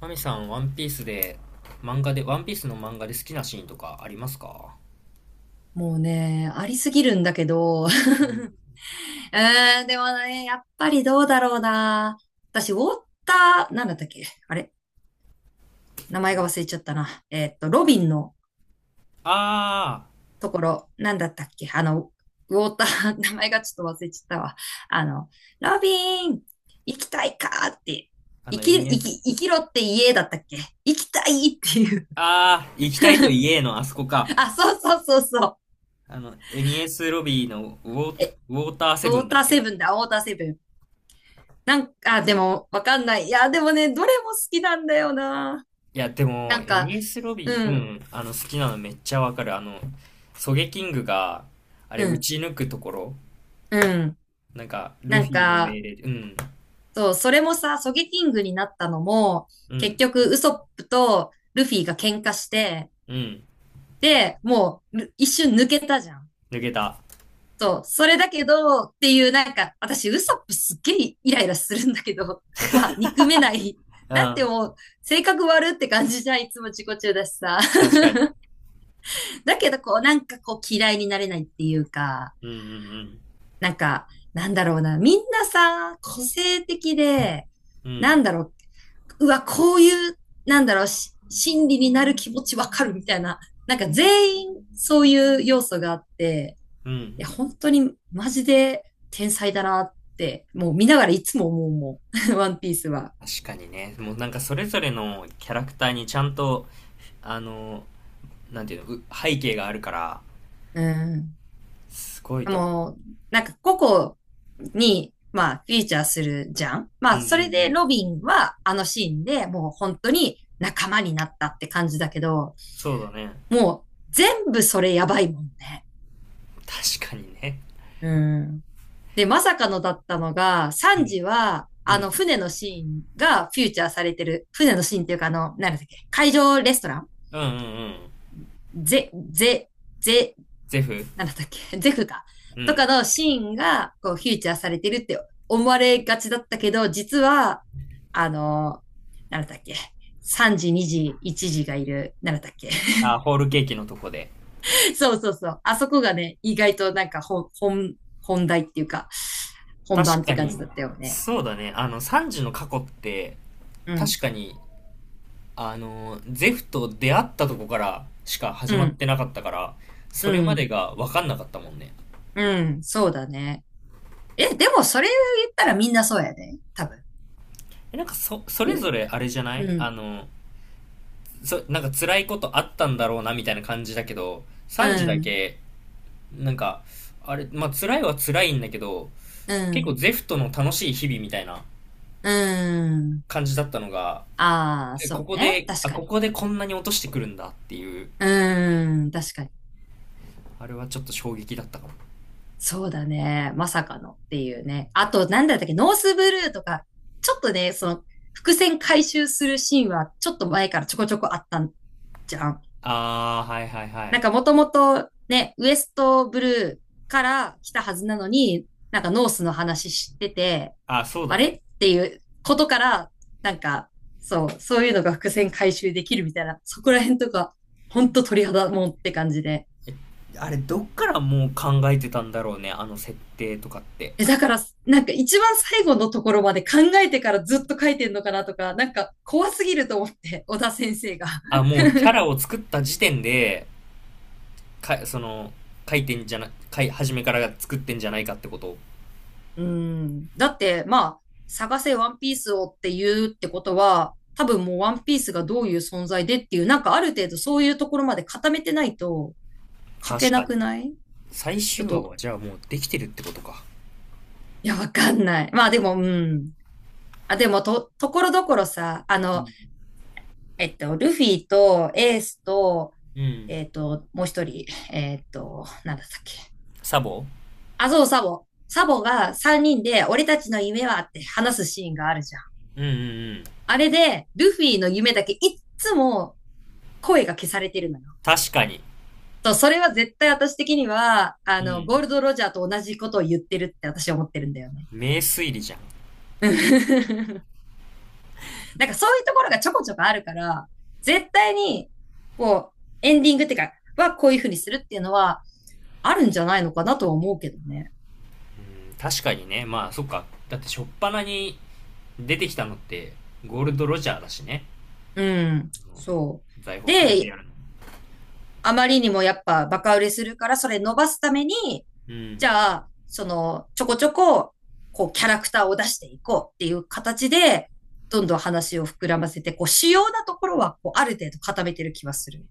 マミさん、ワンピースの漫画で好きなシーンとかありますか？もうね、ありすぎるんだけど。うん。うーん、でもね、やっぱりどうだろうな。私、ウォーター、なんだったっけあれ名前が忘れちゃったな。ロビンのあところ、なんだったっけウォーター、名前がちょっと忘れちゃったわ。あの、ロビン、行きたいかって。あー、あの、エニエ、生きろって家だったっけ行きたいっていう。ああ、行きたいと言えの、あそこか。あ、そうそうそうそう。エニエスロビーのえ、ウォーターセウブォーンだタっーけ？いセブンだ、ウォーターセブン。なんか、あでも、わかんない。いや、でもね、どれも好きなんだよな。や、でなも、んエか、ニエスロうビー、うん、ん、好きなのめっちゃわかる。ソゲキングが、あれ、う撃ん、ち抜くところ、うん。なんか、ルなフんィのか、命令で、うん、そう、それもさ、ソゲキングになったのも、う結ん、局、ウソップとルフィが喧嘩して、うん、で、もう、ル一瞬抜けたじゃん。抜けた。そう、それだけど、っていう、なんか、私、ウソップすっげえイライラするんだけど、まあ、憎めない。うなんてん、もう、性格悪って感じじゃん、いつも自己中だしさ。確かに。だけど、こう、なんかこう、嫌いになれないっていうか、うん、うん、なんか、なんだろうな、みんなさ、個性的で、うん、うなん、んだろう、うわ、こういう、なんだろう、し心理になる気持ちわかるみたいな、なんか全員そういう要素があって、ういん。や、本当にマジで天才だなって、もう見ながらいつも思うもん、ワンピースは。確かにね、もうなんかそれぞれのキャラクターにちゃんと、あの、なんていうの、背景があるから、うん。すごいと思う。もう、なんか個々に、まあ、フィーチャーするじゃん。うまんうあ、んうそれでん。ロビンはあのシーンでもう本当に仲間になったって感じだけど、そうだね。もう全部それやばいもんね。確かにね。うん。で、まさかのだったのが、サうンん。ジは、うあの、ん。船のシーンがフィーチャーされてる。船のシーンっていうか、あの、なんだっけ、海上レストランうんうんうん。ゼ、ゼ、ゼ、ゼフ。なんだったっけ、ジェフか。うとかん。のシーンが、こう、フィーチャーされてるって思われがちだったけど、実は、あの、なんだったっけ、3時、2時、1時がいる、なんだったっけ。あ、ホールケーキのとこで。そうそうそう。あそこがね、意外となんか本題っていうか、本確番っかて感じに、だったよね。そうだね。サンジの過去って、うん、確かに、ゼフと出会ったとこからしか始うまっん、てなかったから、そうれまでん、が分かんなかったもんね。うん、そうだね。え、でもそれ言ったらみんなそうやで、多分。なんかそれみ、ぞれあれじゃなういん、なんか辛いことあったんだろうなみたいな感じだけど、うサンジだん、け、なんか、まあ辛いは辛いんだけど、う結構ん、ゼフトの楽しい日々みたいなうん。感じだったのが、ああ、えそこうこね。で、確あ、かこに。こでこんなに落としてくるんだっていう、うーん、確かに。あれはちょっと衝撃だったかも。そうだね。まさかのっていうね。あと、なんだったっけ、ノースブルーとか、ちょっとね、その、伏線回収するシーンは、ちょっと前からちょこちょこあったんじゃん。あー、はいはいはない。んか、もともと、ね、ウエストブルーから来たはずなのに、なんか、ノースの話知ってて、あ、そうあだれね。っていうことから、なんか、そう、そういうのが伏線回収できるみたいな、そこら辺とか、ほんと鳥肌もんって感じで。あれ、どっからもう考えてたんだろうね、あの設定とかって。え、だから、なんか一番最後のところまで考えてからずっと書いてんのかなとか、なんか怖すぎると思って、小田先生が。あ、もうキャラを作った時点で、か、その、書いてんじゃな、書い、初めから作ってんじゃないかってこと。うん。だって、まあ、探せワンピースをって言うってことは、多分もうワンピースがどういう存在でっていう、なんかある程度そういうところまで固めてないと書け確なかくに。ない最ちょ終っ話と、はじゃあもうできてるってことか？いや、わかんない。まあでも、うん。あ、でも、ところどころさ、あうの、ん。ルフィとエースと、うん。もう一人、なんだったっけ。サボ。あ、そう、サボ。サボが3人で、俺たちの夢はって話すシーンがあるじゃん。うんうんうん。あれで、ルフィの夢だけいっつも声が消されてるのよ。確かに。そう、それは絶対私的には、あうの、ゴーん。ルド・ロジャーと同じことを言ってるって私は思ってるんだよね。名推理じゃん。う なんかそういうところがちょこちょこあるから、絶対に、こう、エンディングってか、はこういうふうにするっていうのは、あるんじゃないのかなとは思うけどね。ん、確かにね。まあ、そっか。だって、初っ端に出てきたのって、ゴールド・ロジャーだしね。うん。うん、そう。財宝くれてで、やるの。あまりにもやっぱバカ売れするから、それ伸ばすために、うん。じゃあ、その、ちょこちょこ、こう、キャラクターを出していこうっていう形で、どんどん話を膨らませて、こう、主要なところは、こう、ある程度固めてる気はする。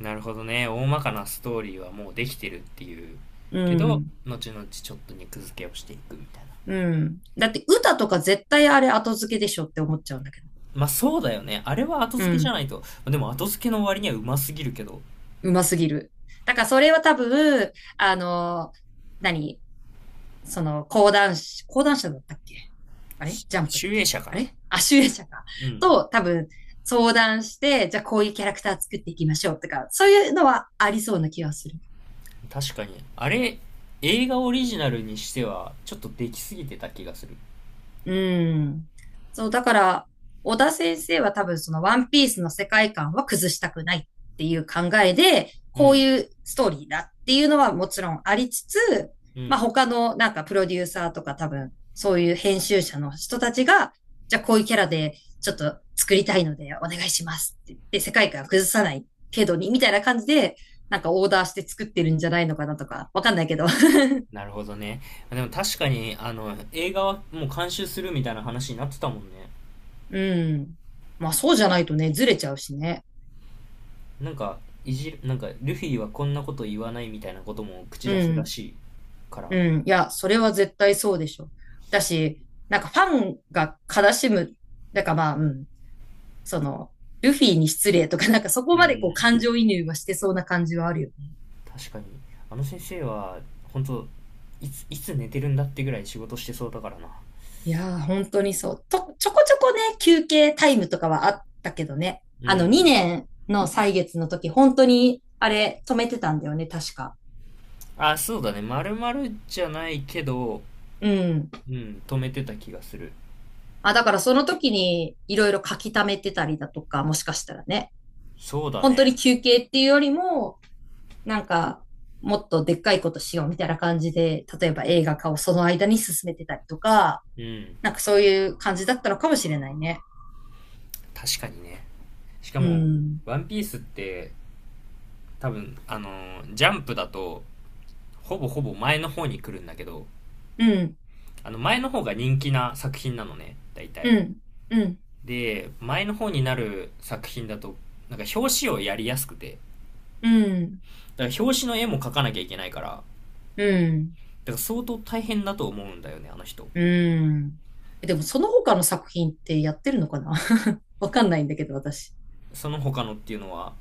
なるほどね。大まかなストーリーはもうできてるっていう。うけど、ん。後々ちょっと肉付けをしていくみたいな。うん。だって、歌とか絶対あれ後付けでしょって思っちゃうんだけど。まあ、そうだよね。あれは後う付けじゃん。ないと。でも、後付けの割にはうますぎるけど、うますぎる。だから、それは多分、あの、何その、講談師、講談社だったっけあれジャンプっ集英て。社かあな。れあ、集英社か。うん。と、多分、相談して、じゃあこういうキャラクター作っていきましょうとか、そういうのはありそうな気がする。確かに。あれ、映画オリジナルにしては、ちょっとできすぎてた気がする。うん。そう、だから、小田先生は多分そのワンピースの世界観は崩したくないっていう考えで、うこうん、いうストーリーだっていうのはもちろんありつつ、うまあん。他のなんかプロデューサーとか多分そういう編集者の人たちが、じゃあこういうキャラでちょっと作りたいのでお願いしますって言って世界観を崩さない程度にみたいな感じで、なんかオーダーして作ってるんじゃないのかなとか、わかんないけど。なるほどね。でも確かに、映画はもう監修するみたいな話になってたもんね。うん。まあそうじゃないとね、ずれちゃうしね。なんか、なんか、ルフィはこんなこと言わないみたいなことも口う出すらん。しいから。うん、いや、それは絶対そうでしょ。だし、なんかファンが悲しむ、だからまあ、うん、その、ルフィに失礼とか、なんかそこうまでこうん。感情移入はしてそうな感じはあるよね。確かに。あの先生は、本当いつ寝てるんだってぐらい仕事してそうだからな。いやー、本当にそう。ちょこちょこね、休憩タイムとかはあったけどね。うあの、ん。2年の歳月の時、本当に、あれ、止めてたんだよね、確か。あ、そうだね。まるまるじゃないけど、うん。うん、止めてた気がする。まあ、だからその時に、いろいろ書き溜めてたりだとか、もしかしたらね。そうだ本当にね。休憩っていうよりも、なんか、もっとでっかいことしようみたいな感じで、例えば映画化をその間に進めてたりとか、うん。なんかそういう感じだったのかもしれないね。確かにね。しかうも、ん。ワンピースって多分、ジャンプだと、ほぼほぼ前の方に来るんだけど、うん。あの前の方が人気な作品なのね、大う体。ん。うん。で、前の方になる作品だと、なんか表紙をやりやすくて、うん。だから表紙の絵も描かなきゃいけないから、だかうん。ら相当大変だと思うんだよね、あの人。うん。でもその他の作品ってやってるのかな わかんないんだけど、私。その他のっていうのは、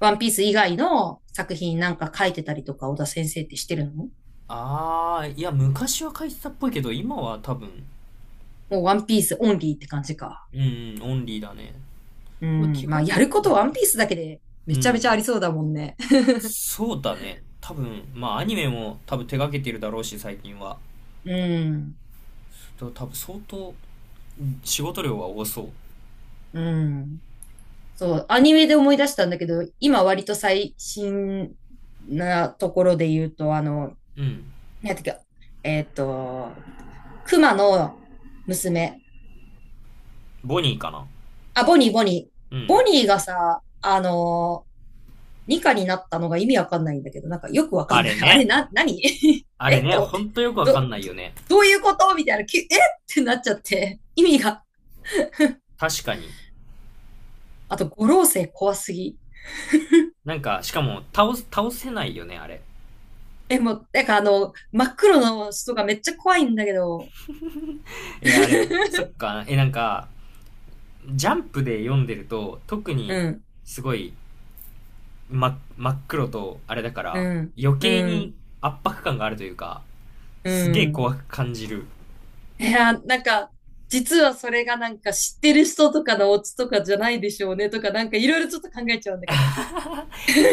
ワンピース以外の作品なんか書いてたりとか、小田先生ってしてるのあー、いや、昔は描いてたっぽいけど、今は多分、もうワンピースオンリーって感じか。うん、オンリーだね。うん。基まあ、本や的るこに。とワンピースだけでうめちゃめん。ちゃありそうだもんね。そうだね。多分、まあアニメも多分手掛けてるだろうし、最近は。うん。多分相当仕事量が多そう。うん。そう、アニメで思い出したんだけど、今割と最新なところで言うと、あの、うん。なんていうか、えっと、熊の娘。ボニーかな。あ、ボニー、ボニー。うん。ボニーがさ、あの、ニカになったのが意味わかんないんだけど、なんかよくわかあんなれい。あれ、ね。何 あれえっね、て思っほて。んとよくわかど、んないど、よね。どういうことみたいな。きゅえってなっちゃって。意味が。確かに。あと、五老星怖すぎ。なんか、しかも、倒せないよね、あれ。え、もう、なんかあの、真っ黒の人がめっちゃ怖いんだけど。あれ、そっか、なんか、ジャンプで読んでると、特うに、ん、すごい、真っ黒と、あれだかうら、ん、余計うにん、圧迫感があるというか、うすげえん。怖く感じる。いや、なんか、実はそれがなんか知ってる人とかのオチとかじゃないでしょうねとか、なんかいろいろちょっと考えちゃうんだけど。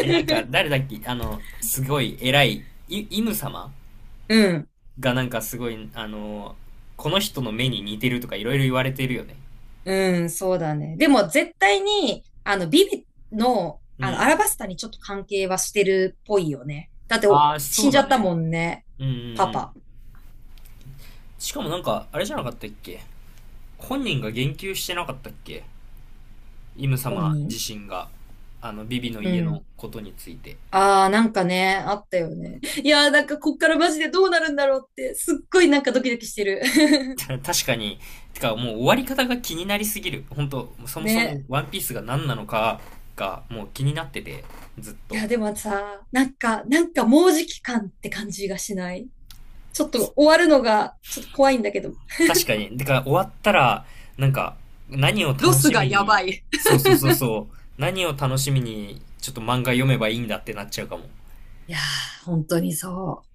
なんか、誰だっけすごい偉い、イム様うん、がなんかすごい、この人の目に似てるとかいろいろ言われてるよね。うん、そうだね。でも絶対に、あの、ビビの、うあの、アん。ラバスタにちょっと関係はしてるっぽいよね。だっておああ、死そんうじゃだったね。もんね。うんうんパうパ、ん。しかもなんか、あれじゃなかったっけ？本人が言及してなかったっけ？イム本様人。自身が、ビビのう家のん。ことについて。ああ、なんかね、あったよね。いやー、なんかこっからマジでどうなるんだろうって、すっごいなんかドキドキしてる。確かに、てかもう終わり方が気になりすぎる。本当そもそもね。ワンピースが何なのかがもう気になってて、ずっいと。や、でもさ、なんか、なんかもうじき感って感じがしないちょっと終わるのが、ちょっと怖いんだけど。確かに。だから終わったら、なんか、何をロ楽スしがみやばに、い。そうそうそうそう、何を楽しみに、ちょっと漫画読めばいいんだってなっちゃうかも。いやー、本当にそう。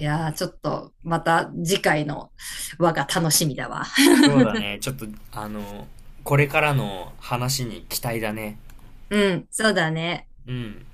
いやー、ちょっと、また次回の輪が楽しみだわ。そうだね。ちょっと、あの、これからの話に期待だね。うん、そうだね。うん。